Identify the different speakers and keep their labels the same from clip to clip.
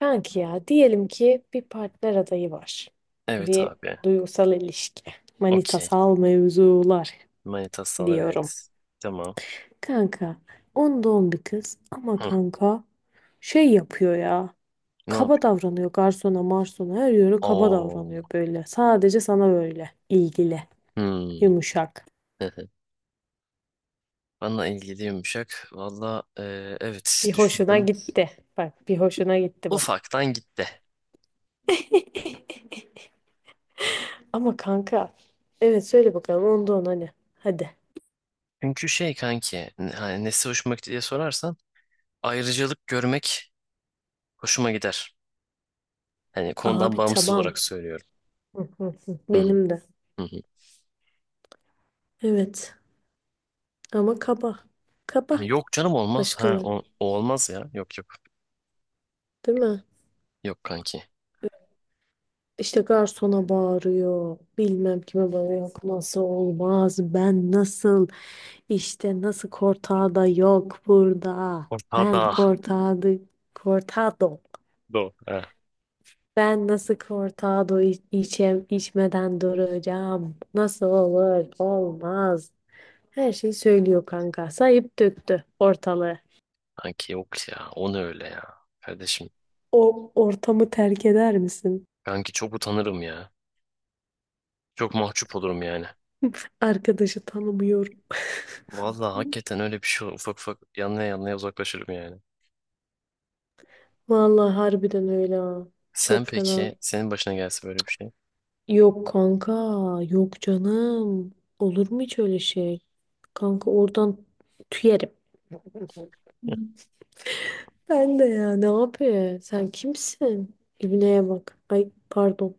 Speaker 1: Kanki ya diyelim ki bir partner adayı var.
Speaker 2: Evet
Speaker 1: Bir
Speaker 2: abi.
Speaker 1: duygusal ilişki.
Speaker 2: Okey.
Speaker 1: Manitasal mevzular
Speaker 2: Manitasal,
Speaker 1: diyorum.
Speaker 2: evet. Tamam.
Speaker 1: Kanka on doğum bir kız ama
Speaker 2: Hı,
Speaker 1: kanka şey yapıyor ya.
Speaker 2: ne
Speaker 1: Kaba
Speaker 2: yapıyor?
Speaker 1: davranıyor garsona marsona her yere kaba
Speaker 2: Oo.
Speaker 1: davranıyor böyle. Sadece sana böyle ilgili
Speaker 2: Hmm.
Speaker 1: yumuşak.
Speaker 2: Bana ilgili yumuşak. Valla evet,
Speaker 1: Bir hoşuna
Speaker 2: düşündüm.
Speaker 1: gitti. Bak bir hoşuna gitti bak.
Speaker 2: Ufaktan gitti.
Speaker 1: Ama kanka evet söyle bakalım onda on hani. Hadi.
Speaker 2: Çünkü şey kanki hani nesi hoşuma gitti diye sorarsan, ayrıcalık görmek hoşuma gider. Hani konudan
Speaker 1: Abi
Speaker 2: bağımsız
Speaker 1: tamam.
Speaker 2: olarak söylüyorum.
Speaker 1: Hı hı hı.
Speaker 2: Hı hı,
Speaker 1: Benim de.
Speaker 2: hı hı.
Speaker 1: Evet ama kaba.
Speaker 2: Yani
Speaker 1: Kaba
Speaker 2: yok canım, olmaz. Ha,
Speaker 1: başkaları
Speaker 2: o olmaz ya. Yok yok.
Speaker 1: değil mi?
Speaker 2: Yok kanki.
Speaker 1: İşte garsona bağırıyor. Bilmem kime bağırıyor. Yok nasıl olmaz? Ben nasıl? İşte nasıl da yok burada. Ben
Speaker 2: Ortada.
Speaker 1: kortada kortado.
Speaker 2: Do. Ha.
Speaker 1: Ben nasıl kortado içem, içmeden duracağım? Nasıl olur? Olmaz. Her şeyi söylüyor kanka. Sayıp döktü ortalığı.
Speaker 2: Kanki yok ya. O ne öyle ya. Kardeşim.
Speaker 1: O ortamı terk eder misin?
Speaker 2: Kanki çok utanırım ya. Çok mahcup olurum yani.
Speaker 1: Arkadaşı tanımıyorum.
Speaker 2: Vallahi hakikaten öyle bir şey olur. Ufak ufak yanlaya yanlaya uzaklaşırım yani.
Speaker 1: Vallahi harbiden öyle ha.
Speaker 2: Sen
Speaker 1: Çok fena.
Speaker 2: peki, senin başına gelse böyle bir şey.
Speaker 1: Yok kanka, yok canım. Olur mu hiç öyle şey? Kanka oradan tüyerim. Ben de ya ne yapıyor? Sen kimsin? İbneye bak. Ay pardon.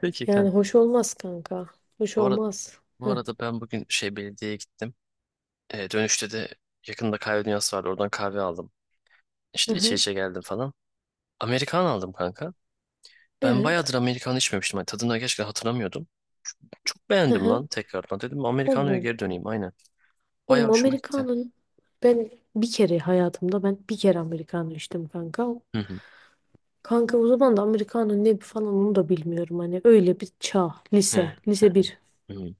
Speaker 2: Peki
Speaker 1: Yani
Speaker 2: kanka.
Speaker 1: hoş olmaz kanka. Hoş
Speaker 2: Bu arada,
Speaker 1: olmaz.
Speaker 2: bu
Speaker 1: Heh.
Speaker 2: arada ben bugün şey belediyeye gittim. Dönüşte de yakında kahve dünyası vardı. Oradan kahve aldım.
Speaker 1: Hı
Speaker 2: İşte içe
Speaker 1: hı.
Speaker 2: içe geldim falan. Amerikan aldım kanka. Ben
Speaker 1: Evet.
Speaker 2: bayağıdır Amerikan içmemiştim. Hani tadını gerçekten hatırlamıyordum. Çok
Speaker 1: Hı
Speaker 2: beğendim lan
Speaker 1: hı.
Speaker 2: tekrardan. Dedim Amerikano'ya
Speaker 1: Oğlum.
Speaker 2: geri döneyim, aynen. Bayağı
Speaker 1: Oğlum
Speaker 2: hoşuma gitti.
Speaker 1: Amerikanın ben bir kere hayatımda ben bir kere Amerikanı içtim kanka.
Speaker 2: Hı hı.
Speaker 1: Kanka o zaman da Amerikan'ın ne falan onu da bilmiyorum. Hani öyle bir çağ.
Speaker 2: Hı
Speaker 1: Lise bir.
Speaker 2: hı. Hı.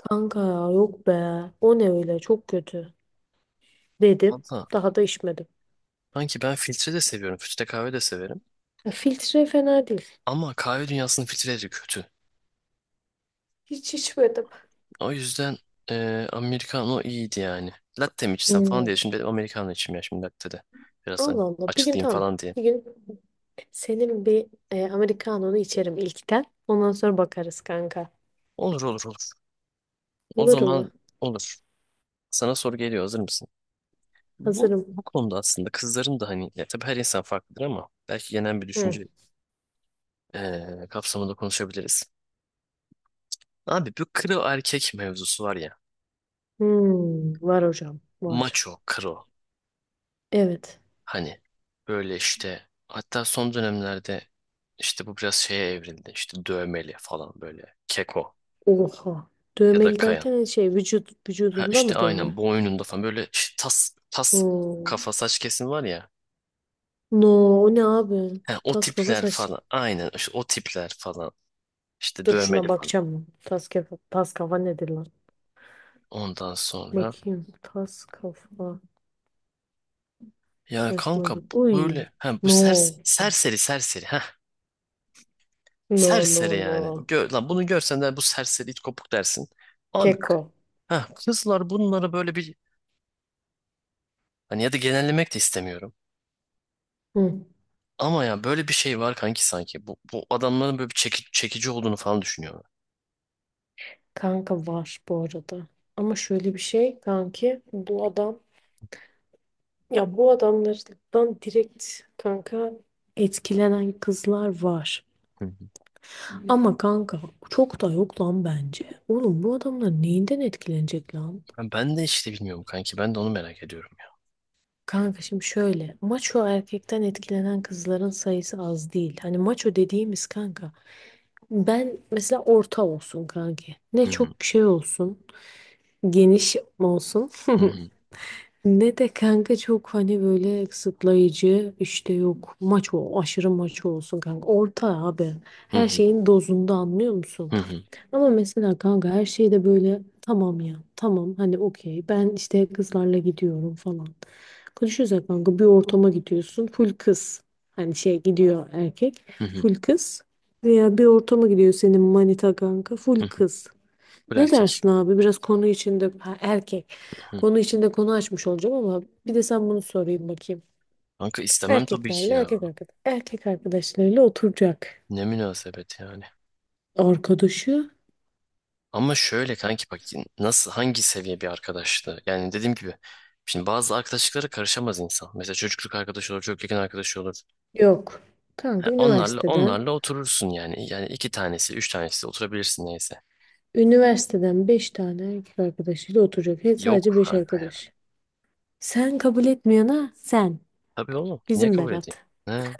Speaker 1: Kanka ya yok be. O ne öyle çok kötü. Dedim.
Speaker 2: Valla,
Speaker 1: Daha da içmedim.
Speaker 2: sanki ben filtre de seviyorum. Filtre kahve de severim.
Speaker 1: Ya filtre fena değil.
Speaker 2: Ama kahve dünyasının filtreleri kötü.
Speaker 1: Hiç içmedim.
Speaker 2: O yüzden Americano iyiydi yani. Latte mi içsem falan
Speaker 1: Hmm.
Speaker 2: diye. Şimdi dedim Americano içeyim, ya şimdi latte de. Biraz hani
Speaker 1: Allah Allah. Bir gün
Speaker 2: açılayım
Speaker 1: tamam.
Speaker 2: falan diye.
Speaker 1: Bir gün senin bir Amerikanonu içerim ilkten. Ondan sonra bakarız kanka.
Speaker 2: Olur olur olur. O
Speaker 1: Olur mu?
Speaker 2: zaman olur. Sana soru geliyor. Hazır mısın?
Speaker 1: Hazırım.
Speaker 2: Bu konuda aslında kızların da hani ya tabii her insan farklıdır ama belki genel bir
Speaker 1: Hı.
Speaker 2: düşünce kapsamında konuşabiliriz. Abi bu kro erkek mevzusu var ya.
Speaker 1: Hmm. Var hocam. Var.
Speaker 2: Macho kro.
Speaker 1: Evet.
Speaker 2: Hani böyle işte hatta son dönemlerde işte bu biraz şeye evrildi. İşte dövmeli falan böyle keko,
Speaker 1: Oha.
Speaker 2: ya da
Speaker 1: Dövmeli
Speaker 2: kayan.
Speaker 1: derken hani şey
Speaker 2: Ha
Speaker 1: vücudunda
Speaker 2: işte
Speaker 1: mı
Speaker 2: aynen
Speaker 1: dövme?
Speaker 2: boynunda falan böyle işte tas tas
Speaker 1: Oo.
Speaker 2: kafa saç kesim var ya.
Speaker 1: No, o ne abi?
Speaker 2: Ha, o
Speaker 1: Tas kafa
Speaker 2: tipler
Speaker 1: saç.
Speaker 2: falan aynen işte o tipler falan işte
Speaker 1: Dur
Speaker 2: dövmeli
Speaker 1: şuna
Speaker 2: falan.
Speaker 1: bakacağım ben. Tas kafa, tas kafa nedir lan?
Speaker 2: Ondan sonra
Speaker 1: Bakayım. Tas kafa
Speaker 2: yani kanka
Speaker 1: saçmalık. Uy.
Speaker 2: böyle ha bu
Speaker 1: No.
Speaker 2: serseri ha
Speaker 1: No,
Speaker 2: serseri
Speaker 1: no,
Speaker 2: yani.
Speaker 1: no.
Speaker 2: Gör, lan bunu görsen de bu serseri it kopuk dersin. Abi
Speaker 1: Keko.
Speaker 2: ha, kızlar bunlara böyle bir, hani ya da genellemek de istemiyorum.
Speaker 1: Hı.
Speaker 2: Ama ya böyle bir şey var kanki sanki. Bu adamların böyle bir çekici olduğunu falan düşünüyorlar.
Speaker 1: Kanka var bu arada. Ama şöyle bir şey kanki. Bu adam ya bu adamlardan direkt kanka etkilenen kızlar var.
Speaker 2: Hı hı.
Speaker 1: Ama kanka çok da yok lan bence. Oğlum bu adamlar neyinden etkilenecek lan?
Speaker 2: Ha, ben de işte bilmiyorum kanki. Ben de onu merak ediyorum ya.
Speaker 1: Kanka şimdi şöyle maço erkekten etkilenen kızların sayısı az değil. Hani maço dediğimiz kanka ben mesela orta olsun kanki. Ne
Speaker 2: Hı
Speaker 1: çok
Speaker 2: hı,
Speaker 1: şey olsun geniş olsun.
Speaker 2: hı hı,
Speaker 1: Ne de kanka çok hani böyle kısıtlayıcı işte yok maç o aşırı maç olsun kanka orta abi
Speaker 2: hı
Speaker 1: her
Speaker 2: hı,
Speaker 1: şeyin dozunda anlıyor musun?
Speaker 2: hı hı,
Speaker 1: Ama mesela kanka her şey de böyle tamam ya tamam hani okey ben işte kızlarla gidiyorum falan. Konuşuyoruz ya kanka bir ortama gidiyorsun full kız hani şey gidiyor erkek
Speaker 2: hı hı,
Speaker 1: full kız veya bir ortama gidiyor senin manita kanka full
Speaker 2: hı hı.
Speaker 1: kız.
Speaker 2: Bu
Speaker 1: Ne
Speaker 2: erkek.
Speaker 1: dersin abi? Biraz konu içinde ha, erkek.
Speaker 2: Hı.
Speaker 1: Konu içinde konu açmış olacağım ama bir de sen bunu sorayım bakayım.
Speaker 2: Kanka istemem tabii ki
Speaker 1: Erkeklerle
Speaker 2: ya.
Speaker 1: erkek arkadaş, erkek arkadaşlarıyla oturacak.
Speaker 2: Ne münasebet yani.
Speaker 1: Arkadaşı
Speaker 2: Ama şöyle kanki bak, nasıl hangi seviye bir arkadaştı? Yani dediğim gibi, şimdi bazı arkadaşlıklara karışamaz insan. Mesela çocukluk arkadaşı olur, çok yakın arkadaşı olur.
Speaker 1: yok. Kanka
Speaker 2: Ha,
Speaker 1: üniversiteden
Speaker 2: onlarla oturursun yani. Yani iki tanesi, üç tanesi oturabilirsin, neyse.
Speaker 1: üniversiteden 5 tane erkek arkadaşıyla oturacak. He,
Speaker 2: Yok
Speaker 1: sadece 5
Speaker 2: kanka ya.
Speaker 1: arkadaş. Sen kabul etmeyene sen.
Speaker 2: Tabii oğlum. Niye
Speaker 1: Bizim
Speaker 2: kabul edeyim?
Speaker 1: Berat.
Speaker 2: Ha,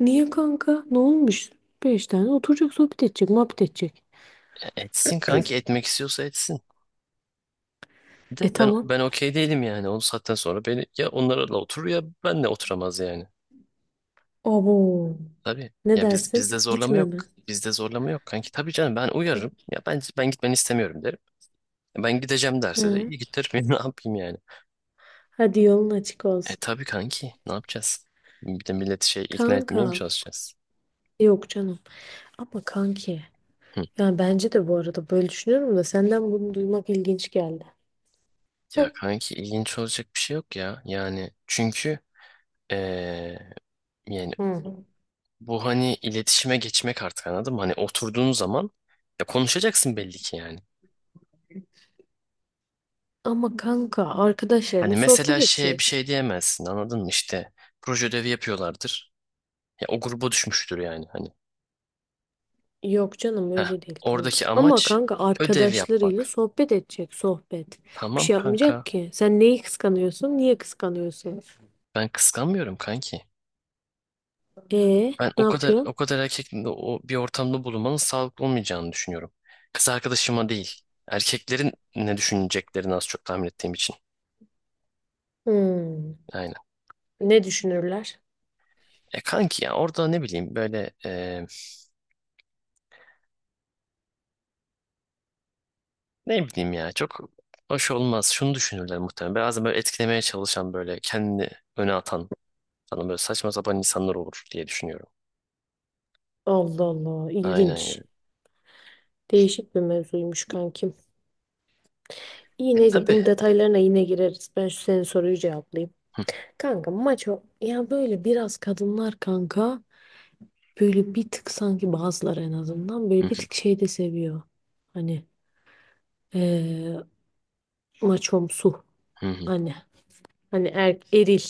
Speaker 1: Niye kanka? Ne olmuş? Beş tane oturacak, sohbet edecek, muhabbet edecek.
Speaker 2: ya etsin kanki, etmek istiyorsa etsin. De
Speaker 1: E tamam.
Speaker 2: ben okey değilim yani. O saatten sonra beni ya onlarla oturur ya benle oturamaz yani.
Speaker 1: Abo.
Speaker 2: Tabii.
Speaker 1: Ne
Speaker 2: Ya biz,
Speaker 1: dersin?
Speaker 2: bizde zorlama
Speaker 1: Gitme
Speaker 2: yok.
Speaker 1: mi?
Speaker 2: Bizde zorlama yok kanki. Tabii canım, ben uyarırım. Ya ben gitmeni istemiyorum derim. Ben gideceğim derse de
Speaker 1: Hı.
Speaker 2: iyi git derim. Ne yapayım yani?
Speaker 1: Hadi yolun açık
Speaker 2: E
Speaker 1: olsun.
Speaker 2: tabii kanki. Ne yapacağız? Bir de milleti şey ikna etmeye mi
Speaker 1: Kanka.
Speaker 2: çalışacağız?
Speaker 1: Yok canım. Ama kanki. Yani bence de bu arada böyle düşünüyorum da senden bunu duymak ilginç geldi.
Speaker 2: Ya kanki ilginç olacak bir şey yok ya. Yani çünkü eee, yani
Speaker 1: Hı.
Speaker 2: bu hani iletişime geçmek, artık anladın mı? Hani oturduğun zaman ya konuşacaksın belli ki yani.
Speaker 1: Ama kanka
Speaker 2: Hani
Speaker 1: arkadaşlarıyla sohbet
Speaker 2: mesela şeye bir
Speaker 1: edecek.
Speaker 2: şey diyemezsin, anladın mı? İşte proje ödevi yapıyorlardır. Ya o gruba düşmüştür yani hani.
Speaker 1: Yok canım
Speaker 2: Heh,
Speaker 1: öyle değil kanka.
Speaker 2: oradaki
Speaker 1: Ama
Speaker 2: amaç
Speaker 1: kanka
Speaker 2: ödev
Speaker 1: arkadaşlarıyla
Speaker 2: yapmak.
Speaker 1: sohbet edecek sohbet. Bir
Speaker 2: Tamam
Speaker 1: şey
Speaker 2: kanka.
Speaker 1: yapmayacak ki. Sen neyi kıskanıyorsun? Niye kıskanıyorsun?
Speaker 2: Ben kıskanmıyorum kanki.
Speaker 1: E
Speaker 2: Ben
Speaker 1: ne yapıyorsun?
Speaker 2: o kadar erkekle o bir ortamda bulunmanın sağlıklı olmayacağını düşünüyorum. Kız arkadaşıma değil. Erkeklerin ne düşüneceklerini az çok tahmin ettiğim için.
Speaker 1: Hmm.
Speaker 2: Aynen.
Speaker 1: Ne düşünürler?
Speaker 2: E kanki ya orada ne bileyim böyle ne bileyim ya, çok hoş olmaz. Şunu düşünürler muhtemelen. Bazen böyle etkilemeye çalışan, böyle kendini öne atan falan, böyle saçma sapan insanlar olur diye düşünüyorum.
Speaker 1: Allah Allah
Speaker 2: Aynen
Speaker 1: ilginç.
Speaker 2: yani.
Speaker 1: Değişik bir mevzuymuş kankim. İyi
Speaker 2: E
Speaker 1: neyse
Speaker 2: tabii.
Speaker 1: bunun detaylarına yine gireriz. Ben şu senin soruyu cevaplayayım.
Speaker 2: Hı
Speaker 1: Kanka maço ya böyle biraz kadınlar kanka böyle bir tık sanki bazıları en azından böyle
Speaker 2: hı,
Speaker 1: bir tık şey de seviyor. Hani eee maçomsu
Speaker 2: hı hı.
Speaker 1: hani hani eril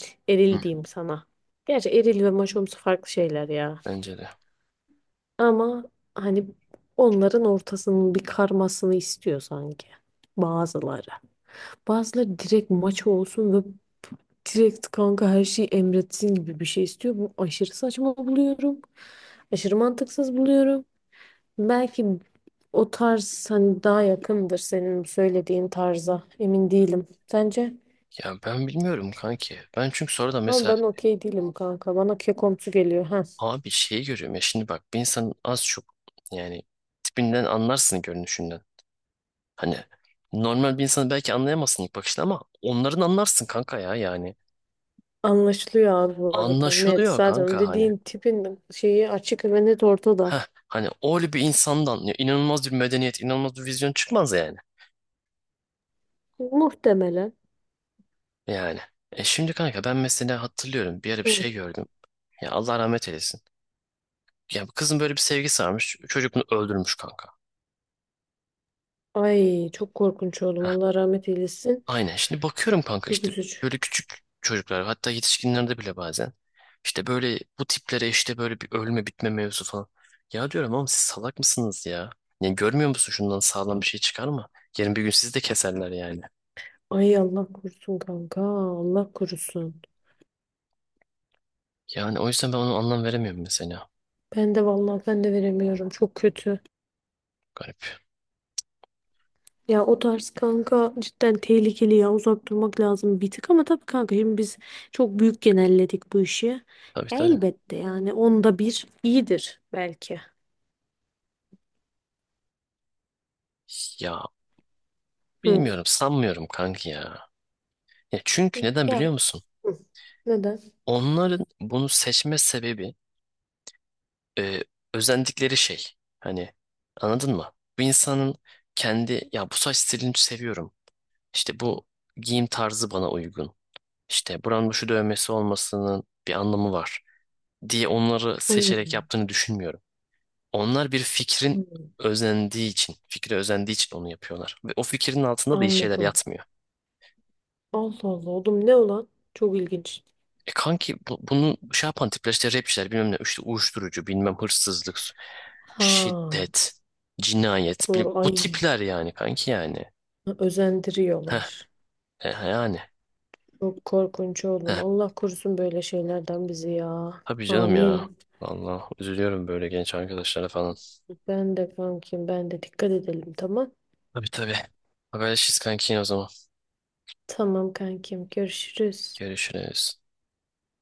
Speaker 2: Hı.
Speaker 1: eril diyeyim sana. Gerçi eril ve maçomsu farklı şeyler ya.
Speaker 2: Bence de.
Speaker 1: Ama hani onların ortasının bir karmasını istiyor sanki bazıları. Bazıları direkt maço olsun direkt kanka her şeyi emretsin gibi bir şey istiyor. Bu aşırı saçma buluyorum. Aşırı mantıksız buluyorum. Belki o tarz hani daha yakındır senin söylediğin tarza. Emin değilim. Sence?
Speaker 2: Ya ben bilmiyorum kanki. Ben çünkü sonra da
Speaker 1: Ama
Speaker 2: mesela,
Speaker 1: ben okey değilim kanka. Bana kekomsu geliyor. Ha.
Speaker 2: abi şeyi görüyorum ya. Şimdi bak, bir insanın az çok, yani tipinden anlarsın, görünüşünden. Hani normal bir insanı belki anlayamazsın ilk bakışta, ama onların anlarsın kanka ya yani.
Speaker 1: Anlaşılıyor abi bu arada. Net.
Speaker 2: Anlaşılıyor
Speaker 1: Zaten o
Speaker 2: kanka hani.
Speaker 1: dediğin tipin şeyi açık ve net ortada.
Speaker 2: Heh, hani öyle bir insandan ya inanılmaz bir medeniyet, inanılmaz bir vizyon çıkmaz yani.
Speaker 1: Muhtemelen.
Speaker 2: Yani. E şimdi kanka, ben mesela hatırlıyorum bir ara bir
Speaker 1: Hı.
Speaker 2: şey gördüm. Ya, Allah rahmet eylesin. Ya bu kızın böyle bir sevgisi varmış. Çocuk bunu öldürmüş kanka.
Speaker 1: Ay çok korkunç oğlum. Allah rahmet eylesin.
Speaker 2: Aynen. Şimdi bakıyorum kanka,
Speaker 1: Çok
Speaker 2: işte
Speaker 1: üzücü.
Speaker 2: böyle küçük çocuklar hatta yetişkinlerde bile bazen işte böyle bu tiplere işte böyle bir ölme bitme mevzu falan. Ya diyorum ama siz salak mısınız ya? Yani görmüyor musun şundan sağlam bir şey çıkar mı? Yarın bir gün sizi de keserler yani.
Speaker 1: Ay Allah korusun kanka. Allah korusun.
Speaker 2: Yani o yüzden ben onu anlam veremiyorum mesela.
Speaker 1: Ben de vallahi ben de veremiyorum. Çok kötü.
Speaker 2: Garip.
Speaker 1: Ya o tarz kanka cidden tehlikeli ya. Uzak durmak lazım bir tık ama tabii kanka şimdi biz çok büyük genelledik bu işi.
Speaker 2: Tabii
Speaker 1: Ya
Speaker 2: tabii.
Speaker 1: elbette yani onda bir iyidir belki.
Speaker 2: Ya
Speaker 1: Hı.
Speaker 2: bilmiyorum, sanmıyorum kanki ya. Ya çünkü neden
Speaker 1: Ya,
Speaker 2: biliyor musun?
Speaker 1: hı. Neden?
Speaker 2: Onların bunu seçme sebebi, e, özendikleri şey. Hani anladın mı? Bu insanın kendi, ya bu saç stilini seviyorum. İşte bu giyim tarzı bana uygun. İşte buranın şu dövmesi olmasının bir anlamı var diye onları
Speaker 1: Hı.
Speaker 2: seçerek yaptığını düşünmüyorum. Onlar bir fikrin
Speaker 1: Hı.
Speaker 2: özendiği için, fikre özendiği için onu yapıyorlar. Ve o fikrin altında da iyi şeyler
Speaker 1: Anladım.
Speaker 2: yatmıyor.
Speaker 1: Allah Allah oğlum ne olan? Çok ilginç.
Speaker 2: E kanki bunu şey yapan tipler, işte rapçiler bilmem ne, işte uyuşturucu, bilmem hırsızlık,
Speaker 1: Ha
Speaker 2: şiddet, cinayet,
Speaker 1: doğru,
Speaker 2: bu
Speaker 1: ay
Speaker 2: tipler yani kanki yani. Heh,
Speaker 1: özendiriyorlar.
Speaker 2: yani.
Speaker 1: Çok korkunç oğlum.
Speaker 2: Heh,
Speaker 1: Allah korusun böyle şeylerden bizi ya.
Speaker 2: tabii canım ya.
Speaker 1: Amin.
Speaker 2: Vallahi üzülüyorum böyle genç arkadaşlara falan.
Speaker 1: Ben de kankim, ben de dikkat edelim tamam.
Speaker 2: Tabii tabii. Haberleşiriz kanki o zaman.
Speaker 1: Tamam kankim, görüşürüz.
Speaker 2: Görüşürüz.